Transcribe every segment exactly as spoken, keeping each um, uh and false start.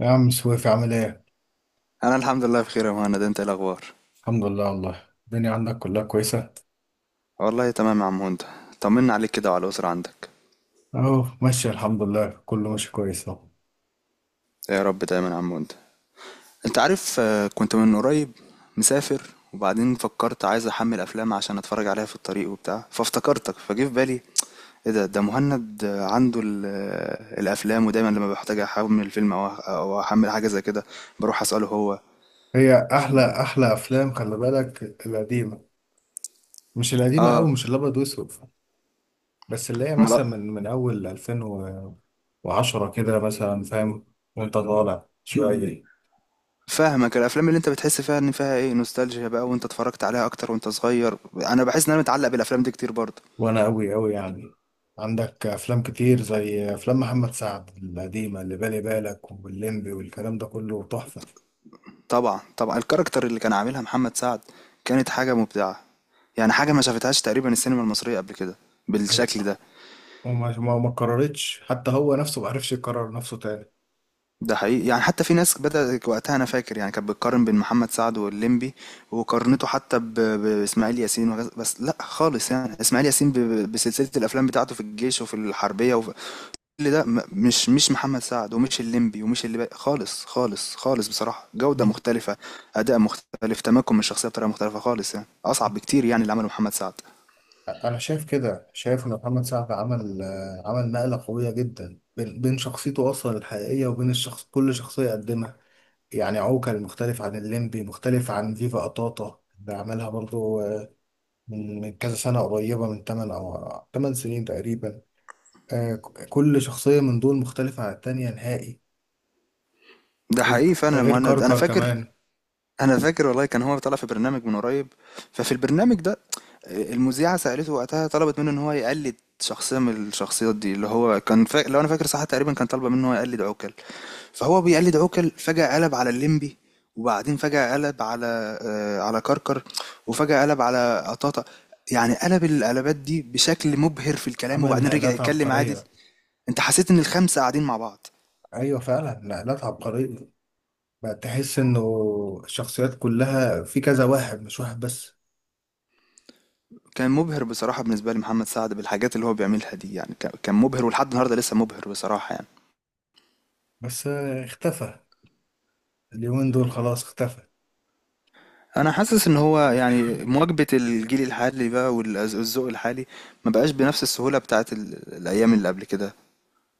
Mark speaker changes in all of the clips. Speaker 1: يا عم سويف عامل ايه؟
Speaker 2: انا الحمد لله بخير يا مهند. انت إيه الاخبار؟
Speaker 1: الحمد لله، والله الدنيا عندك كلها كويسة؟
Speaker 2: والله تمام يا عم هند. طمنا عليك كده وعلى الاسره عندك.
Speaker 1: اهو ماشية، الحمد لله كله ماشي كويس اهو.
Speaker 2: يا رب دايما يا عم هند. انت عارف، آه، كنت من قريب مسافر. وبعدين فكرت عايز احمل افلام عشان اتفرج عليها في الطريق وبتاع، فافتكرتك فجه في بالي. ايه ده ده مهند، آه، عنده ال- آه، الافلام. ودايما لما بحتاج احمل فيلم او أو احمل حاجه زي كده، بروح اساله هو.
Speaker 1: هي احلى احلى افلام، خلي بالك القديمة، مش القديمة اوي،
Speaker 2: اه.
Speaker 1: مش الابيض واسود. بس اللي هي
Speaker 2: امال.
Speaker 1: مثلا من من اول ألفين وعشرة كده مثلا، فاهم. وانت طالع شوية.
Speaker 2: فاهمك، الأفلام اللي أنت بتحس فيها إن فيها إيه، نوستالجيا بقى، وأنت اتفرّجت عليها أكتر وأنت صغير، أنا باحس إن أنا متعلّق بالأفلام دي كتير برضه.
Speaker 1: وانا اوي اوي يعني. عندك افلام كتير زي افلام محمد سعد القديمة، اللي بالي بالك، واللمبي والكلام ده كله تحفة.
Speaker 2: طبعًا، طبعًا، الكاركتر اللي كان عاملها محمد سعد كانت حاجة مبدعة، يعني حاجة ما شافتهاش تقريبًا السينما المصرية قبل كده بالشكل ده.
Speaker 1: وما ما ما قررتش، حتى هو نفسه ما عرفش يقرر نفسه تاني.
Speaker 2: ده حقيقي، يعني حتى في ناس بدأت وقتها، أنا فاكر يعني كانت بتقارن بين محمد سعد واللمبي، وقارنته حتى ب بإسماعيل ياسين. وغير بس لأ خالص يعني، إسماعيل ياسين ب ب- بسلسلة الأفلام بتاعته في الجيش وفي الحربية، وف اللي ده م- مش مش محمد سعد، ومش الليمبي، ومش اللي بقى خالص خالص خالص. بصراحة جودة
Speaker 1: دي...
Speaker 2: مختلفة، أداء مختلف، تمكن من الشخصية بطريقة مختلفة خالص، يعني أصعب بكتير يعني اللي عمله محمد سعد.
Speaker 1: انا شايف كده، شايف ان محمد سعد عمل آه، عمل نقله قويه جدا، بين بين شخصيته اصلا الحقيقيه وبين الشخص، كل شخصيه قدمها. يعني عوكل مختلف عن الليمبي، مختلف عن فيفا قطاطا اللي عملها برضو آه، من من كذا سنه، قريبه من تمن او تمن سنين تقريبا. آه، ك- كل شخصيه من دول مختلفه عن التانيه نهائي.
Speaker 2: ده حقيقي فعلا يا
Speaker 1: غير
Speaker 2: مهند. أنا
Speaker 1: كركر
Speaker 2: فاكر
Speaker 1: كمان.
Speaker 2: أنا فاكر والله كان هو طالع في برنامج من قريب. ففي البرنامج ده المذيعة سألته وقتها، طلبت منه إن هو يقلد شخصية من الشخصيات دي اللي هو كان فا... لو أنا فاكر صح تقريبا كان طالبة منه إن هو يقلد عوكل. فهو بيقلد عوكل، فجأة قلب على الليمبي، وبعدين فجأة قلب على آه على كركر، وفجأة قلب على قطاطة. يعني قلب القلبات دي بشكل مبهر في الكلام،
Speaker 1: عمل
Speaker 2: وبعدين رجع
Speaker 1: نقلات
Speaker 2: يتكلم عادل.
Speaker 1: عبقريه.
Speaker 2: انت حسيت ان الخمسة قاعدين مع بعض.
Speaker 1: ايوه فعلا، نقلات عبقريه. بقى تحس انه الشخصيات كلها في كذا واحد، مش واحد بس.
Speaker 2: كان مبهر بصراحة بالنسبة لي محمد سعد بالحاجات اللي هو بيعملها دي، يعني كان كان مبهر، ولحد النهاردة لسه مبهر بصراحة يعني.
Speaker 1: بس آه، اختفى. اليومين دول خلاص اختفى.
Speaker 2: انا حاسس ان هو يعني مواكبة الجيل الحالي بقى والذوق الحالي ما بقاش بنفس السهولة بتاعت ال- الايام اللي قبل كده.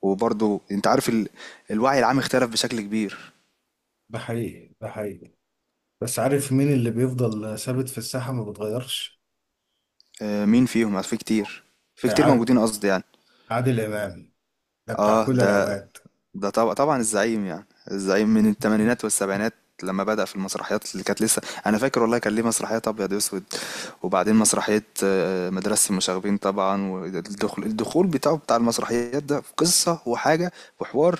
Speaker 2: وبرضو انت عارف، ال... الوعي العام اختلف بشكل كبير.
Speaker 1: ده حقيقي ده حقيقي. بس عارف مين اللي بيفضل ثابت في الساحة، ما بتغيرش؟
Speaker 2: آه، مين فيهم يعني؟ في كتير، في
Speaker 1: آه،
Speaker 2: كتير
Speaker 1: عاد-
Speaker 2: موجودين قصدي يعني.
Speaker 1: عادل إمام، ده بتاع
Speaker 2: اه.
Speaker 1: كل
Speaker 2: ده
Speaker 1: الأوقات.
Speaker 2: ده طبعا طبعا الزعيم يعني. الزعيم من الثمانينات والسبعينات لما بدأ في المسرحيات، اللي كانت لسه انا فاكر والله كان ليه مسرحيات ابيض واسود. وبعدين مسرحية آه، مدرسة المشاغبين طبعا، والدخول، الدخول بتاعه بتاع المسرحيات ده في قصة وحاجة وحوار.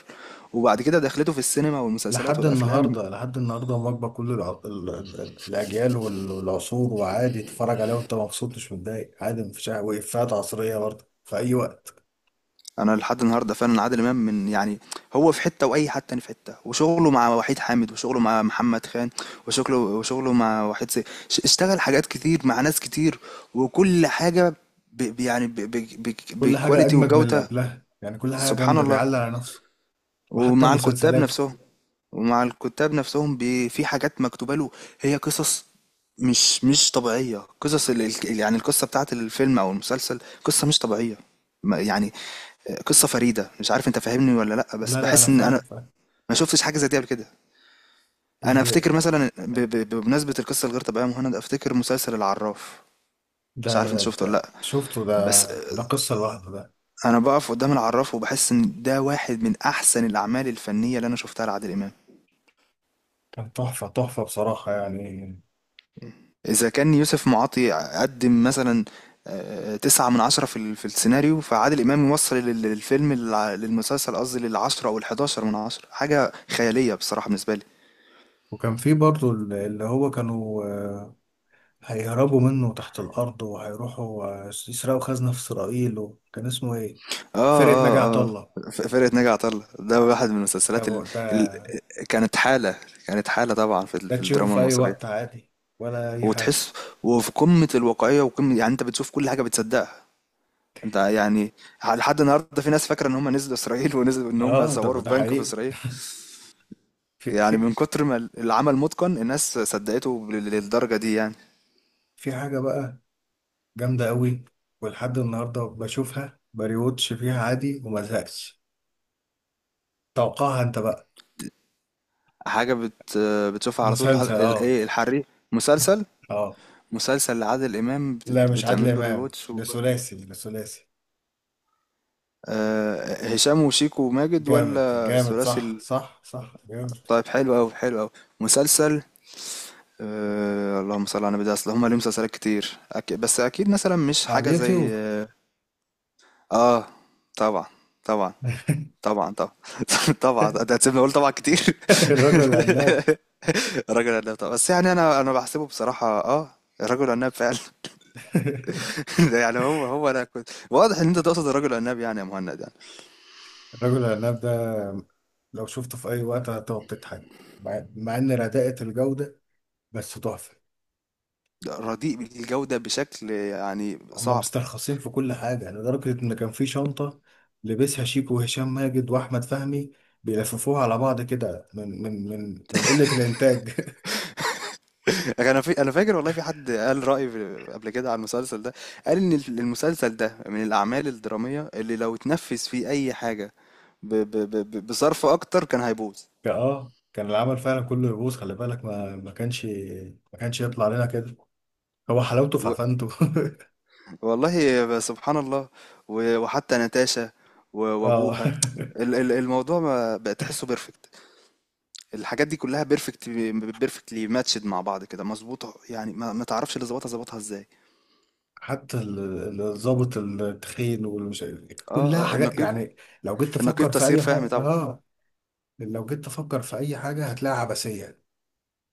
Speaker 2: وبعد كده دخلته في السينما والمسلسلات
Speaker 1: لحد
Speaker 2: والافلام.
Speaker 1: النهاردة، لحد النهاردة، مواكبة كل الع- ال- ال- الأجيال وال- والعصور وعادي تتفرج عليها وأنت مبسوط، مش متضايق، عادي مفيش حاجة، وإفيهات عصرية برضه في أي وقت.
Speaker 2: انا لحد النهارده فعلا عادل امام من يعني، هو في حته واي حد تاني في حته. وشغله مع وحيد حامد، وشغله مع محمد خان، وشغله وشغله مع وحيد سي ش- اشتغل حاجات كتير مع ناس كتير. وكل حاجه ب ب- يعني ب- ب- ب-
Speaker 1: كل حاجة
Speaker 2: بكواليتي
Speaker 1: أجمد من اللي
Speaker 2: وجوده.
Speaker 1: قبلها يعني، كل حاجة
Speaker 2: سبحان
Speaker 1: جامدة
Speaker 2: الله.
Speaker 1: بيعلق على نفسه. وحتى
Speaker 2: ومع الكتاب
Speaker 1: مسلسلاته.
Speaker 2: نفسهم ومع الكتاب نفسهم بي- في حاجات مكتوبه له. هي قصص مش مش طبيعيه، قصص ال- ال- يعني القصه بتاعت الفيلم او المسلسل قصه مش طبيعيه. ما- يعني قصة فريدة، مش عارف انت فاهمني ولا لأ، بس
Speaker 1: لا لا، انا
Speaker 2: بحس ان انا
Speaker 1: فاهم فاهم.
Speaker 2: ما شفتش حاجة زي دي قبل كده. انا
Speaker 1: اللي...
Speaker 2: افتكر مثلا ب... ب... بمناسبة القصة الغير طبيعية يا مهند، افتكر مسلسل العراف. مش
Speaker 1: ده,
Speaker 2: عارف انت
Speaker 1: ده,
Speaker 2: شفته
Speaker 1: ده
Speaker 2: ولا لأ،
Speaker 1: شفته ده.
Speaker 2: بس
Speaker 1: ده قصة لوحده ده.
Speaker 2: انا بقف قدام العراف وبحس ان ده واحد من احسن الاعمال الفنية اللي انا شفتها لعادل امام.
Speaker 1: كان تحفة تحفة بصراحة يعني.
Speaker 2: اذا كان يوسف معاطي قدم مثلا آه، تسعة من عشرة في ال- في السيناريو، فعادل إمام يوصل لل- للفيلم للع- للمسلسل قصدي، للعشرة أو الحداشر من عشرة، حاجة خيالية بصراحة بالنسبة لي.
Speaker 1: وكان في برضه اللي اللي هو كانوا آه، هيهربوا منه تحت الأرض، وهيروحوا آه، يسرقوا خزنة في إسرائيل، وكان اسمه إيه؟
Speaker 2: اه
Speaker 1: فرقة ناجي عطا
Speaker 2: اه اه.
Speaker 1: الله.
Speaker 2: ف- فرقة ناجي عطا الله ده واحد من
Speaker 1: ده,
Speaker 2: المسلسلات ال...
Speaker 1: ب- ده
Speaker 2: ال... كانت حالة كانت حالة طبعا في, ال...
Speaker 1: ده
Speaker 2: في
Speaker 1: تشوفه
Speaker 2: الدراما
Speaker 1: في أي وقت
Speaker 2: المصرية.
Speaker 1: عادي، ولا أي حاجة.
Speaker 2: وتحس، وفي قمة الواقعية وقمة، يعني انت بتشوف كل حاجة بتصدقها انت يعني. لحد النهارده في ناس فاكرة ان هم نزلوا اسرائيل ونزلوا ان هم
Speaker 1: آه، ده
Speaker 2: صوروا في
Speaker 1: ده
Speaker 2: بنك في
Speaker 1: حقيقي.
Speaker 2: اسرائيل.
Speaker 1: في
Speaker 2: يعني
Speaker 1: في
Speaker 2: من كتر ما ال- العمل متقن الناس صدقته لل- للدرجة دي يعني.
Speaker 1: في حاجة بقى جامدة أوي، ولحد النهاردة بشوفها بريوتش فيها عادي وما زهقش. توقعها أنت بقى.
Speaker 2: حاجة بت... بتشوفها على طول، الح...
Speaker 1: مسلسل،
Speaker 2: ال-
Speaker 1: أه.
Speaker 2: ايه، الحريق. مسلسل
Speaker 1: أه.
Speaker 2: مسلسل لعادل امام
Speaker 1: لا،
Speaker 2: بت...
Speaker 1: مش عادل
Speaker 2: بتعمل له
Speaker 1: إمام،
Speaker 2: ريواتش.
Speaker 1: ده ثلاثي، ده ثلاثي.
Speaker 2: آه، هشام وشيكو وماجد،
Speaker 1: جامد
Speaker 2: ولا
Speaker 1: جامد،
Speaker 2: الثلاثي
Speaker 1: صح
Speaker 2: ال-
Speaker 1: صح صح، جامد.
Speaker 2: طيب، حلو أوي حلو أوي. مسلسل، أه. اللهم صل على النبي، ده اصل هما ليهم مسلسلات كتير، أك... بس اكيد مثلا مش
Speaker 1: على
Speaker 2: حاجه زي.
Speaker 1: اليوتيوب.
Speaker 2: اه. طبعا. طبعا. طبعا طبعا طبعا، ده هتسيبني اقول طبعا كتير
Speaker 1: الرجل العناب.
Speaker 2: رجل عناب طبعا، بس يعني انا انا بحسبه بصراحه اه. رجل عناب فعلا. ده يعني هو هو انا كنت واضح ان انت تقصد الرجل عناب يعني يا مهند يعني.
Speaker 1: الرجل العناب ده لو شفته في أي وقت هتقعد تضحك، مع مع إن رداءة الجودة، بس تحفة.
Speaker 2: رديء بالجوده بشكل يعني
Speaker 1: هم
Speaker 2: صعب.
Speaker 1: مسترخصين في كل حاجة يعني، لدرجة إن كان في شنطة لبسها شيكو وهشام ماجد وأحمد فهمي، بيلففوها على بعض كده من من من من قلة الإنتاج.
Speaker 2: انا في انا فاكر والله، في حد قال رأي في- قبل كده على المسلسل ده. قال ان ال- المسلسل ده من الاعمال الدرامية اللي لو اتنفذ فيه اي حاجة ب... ب... ب... ب- بصرف اكتر كان هيبوظ.
Speaker 1: كان- اه كان العمل فعلا كله يبوظ، خلي بالك، ما ما كانش، ما كانش يطلع لنا كده. هو حلاوته في
Speaker 2: و...
Speaker 1: عفانته.
Speaker 2: والله ب- سبحان الله. و... وحتى نتاشا و...
Speaker 1: اه.
Speaker 2: وابوها، ال... ال... الموضوع ما بقى تحسه بيرفكت. الحاجات دي كلها بيرفكت بيرفكتلي، ماتشد مع بعض كده مظبوطة يعني، ما, ما تعرفش اللي ظبطها ظبطها ازاي.
Speaker 1: حتى ال- ال- الضابط التخين والمش، كلها
Speaker 2: اه اه
Speaker 1: حاجات
Speaker 2: النقيب.
Speaker 1: يعني. لو جيت
Speaker 2: النقيب
Speaker 1: تفكر في
Speaker 2: تسيير
Speaker 1: أي
Speaker 2: فهمي
Speaker 1: حاجة،
Speaker 2: طبعا.
Speaker 1: اه، لو جيت تفكر في أي حاجة هتلاقيها عبثية،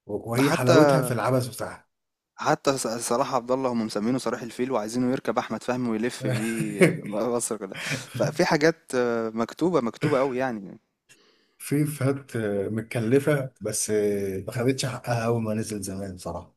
Speaker 1: وهي
Speaker 2: حتى
Speaker 1: حلاوتها في العبث بتاعها.
Speaker 2: حتى ص- صلاح عبد الله هم مسمينه صلاح الفيل وعايزينه يركب احمد فهمي ويلف بيه مصر كلها. ففي حاجات آه، مكتوبه مكتوبه قوي يعني.
Speaker 1: في فات، متكلفة، بس ما خدتش حقها أول ما نزل زمان، صراحة.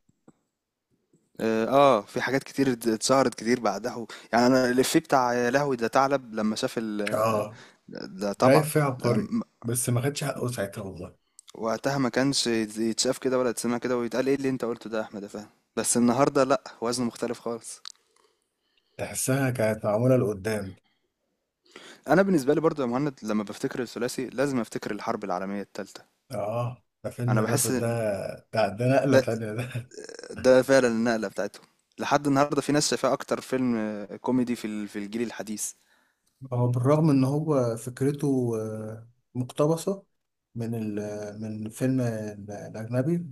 Speaker 2: اه. آه، في حاجات كتير ات- اتشهرت كتير بعدها. يعني انا الإفيه بتاع يا لهوي ده ثعلب لما شاف ال.
Speaker 1: اه،
Speaker 2: ده طبعا.
Speaker 1: رايح فيها
Speaker 2: ده
Speaker 1: عبقري،
Speaker 2: م-
Speaker 1: بس ما خدش حقه ساعتها والله.
Speaker 2: وقتها ما كانش يت- يتشاف كده ولا يتسمع كده ويتقال ايه اللي انت قلته ده يا احمد يا فهمي. بس النهارده لا، وزنه مختلف خالص.
Speaker 1: تحسها كانت معمولة لقدام.
Speaker 2: انا بالنسبه لي برضو يا مهند، لما بفتكر الثلاثي لازم افتكر الحرب العالميه الثالثه.
Speaker 1: اه، ده فيلم
Speaker 2: انا
Speaker 1: ده ده.
Speaker 2: بحس
Speaker 1: ده, ده نقلة
Speaker 2: ده
Speaker 1: تانية. ده.
Speaker 2: ده فعلا النقلة بتاعتهم. لحد النهاردة في ناس شايفاه أكتر فيلم آه، كوميدي في ال- في الجيل الحديث.
Speaker 1: هو بالرغم إن هو فكرته آه، مقتبسة من ال من الفيلم ال- الأجنبي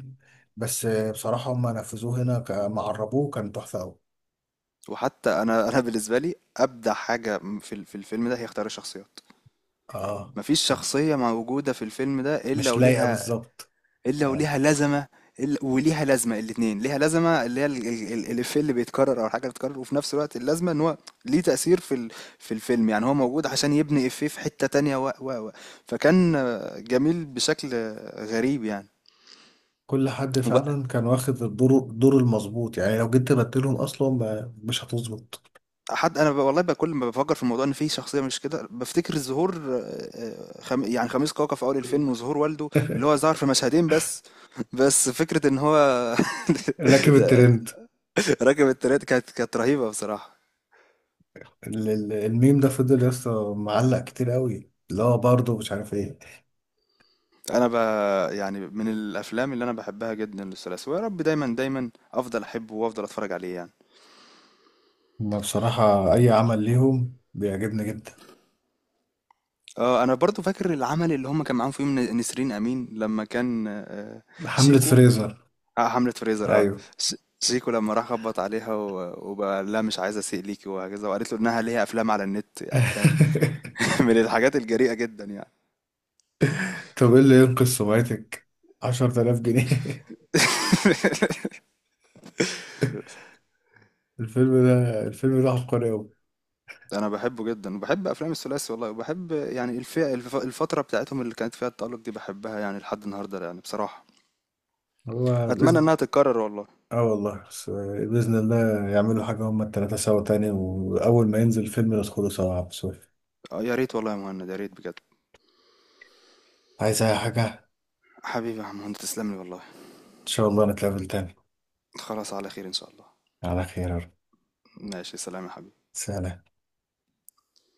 Speaker 1: بس آه، بصراحة هم نفذوه هنا، ك- ما عربوه، كان تحفة أوي.
Speaker 2: وحتى أنا أنا بالنسبة لي أبدع حاجة في ال- في الفيلم ده هي اختيار الشخصيات.
Speaker 1: اه،
Speaker 2: مفيش شخصية موجودة في الفيلم ده إلا
Speaker 1: مش لايقة
Speaker 2: وليها،
Speaker 1: بالظبط
Speaker 2: إلا
Speaker 1: يعني.
Speaker 2: وليها لازمة، إلا وليها لازمة، الاتنين ليها لازمة. اللي هي ال- ال- ال- الإفيه اللي بيتكرر، أو الحاجة اللي بتتكرر، وفي نفس الوقت اللازمة إن هو ليه تأثير في ال- في الفيلم، يعني هو موجود عشان يبني إفيه في حتة تانية، و و و فكان آه، جميل بشكل آه، غريب يعني.
Speaker 1: كل حد فعلا كان واخد الدور الدور المظبوط، يعني لو جيت تبدلهم اصلا، ما- مش هتظبط.
Speaker 2: حد، انا ب- والله بقى كل ما بفكر في الموضوع ان في شخصيه مش كده، بفتكر ظهور آه، آه، خم... يعني خميس كاكا في اول الفيلم، وظهور والده اللي هو ظهر في مشهدين بس. بس فكره ان هو
Speaker 1: راكب الترند.
Speaker 2: راكب التريات، كانت كانت رهيبه بصراحه.
Speaker 1: ال- ال- الميم ده فضل يا اسطى معلق كتير قوي، لا برضه مش عارف ايه.
Speaker 2: انا ب... يعني من الافلام اللي انا بحبها جدا للثلاثي، ويا رب دايما دايما افضل احبه وافضل اتفرج عليه يعني.
Speaker 1: ما بصراحة اي عمل ليهم بيعجبني جدا.
Speaker 2: اه انا برضو فاكر العمل اللي هم كان معاهم فيه من- نسرين امين لما كان آه،
Speaker 1: حملة
Speaker 2: شيكو.
Speaker 1: فريزر.
Speaker 2: آه، حملة فريزر اه.
Speaker 1: ايوه.
Speaker 2: ش- شيكو لما راح خبط عليها و- وبقى لا مش عايز اسيء ليكي، وهكذا. وقالت له انها ليها افلام على النت، يعني كان من الحاجات الجريئة جدا يعني.
Speaker 1: طب ايه اللي ينقذ سمعتك؟ عشر تلاف جنيه. الفيلم ده الفيلم ده عبقري قوي.
Speaker 2: انا بحبه جدا وبحب افلام الثلاثي والله، وبحب يعني الفئة الف- الفترة بتاعتهم اللي كانت فيها التألق دي بحبها يعني لحد النهاردة يعني بصراحة.
Speaker 1: هو...
Speaker 2: اتمنى انها تتكرر والله.
Speaker 1: اه والله، بس بإذن الله يعملوا حاجة هما التلاتة سوا تاني، وأول ما ينزل فيلم ندخله سوا، بس.
Speaker 2: آه يا ريت والله يا مهند، يا ريت بجد.
Speaker 1: عايز أي حاجة. إن
Speaker 2: حبيبي يا عم مهند، تسلم لي والله.
Speaker 1: شاء الله نتقابل تاني.
Speaker 2: خلاص، على خير ان شاء الله.
Speaker 1: على خير يا رب.
Speaker 2: ماشي، سلام يا حبيبي.
Speaker 1: سلام.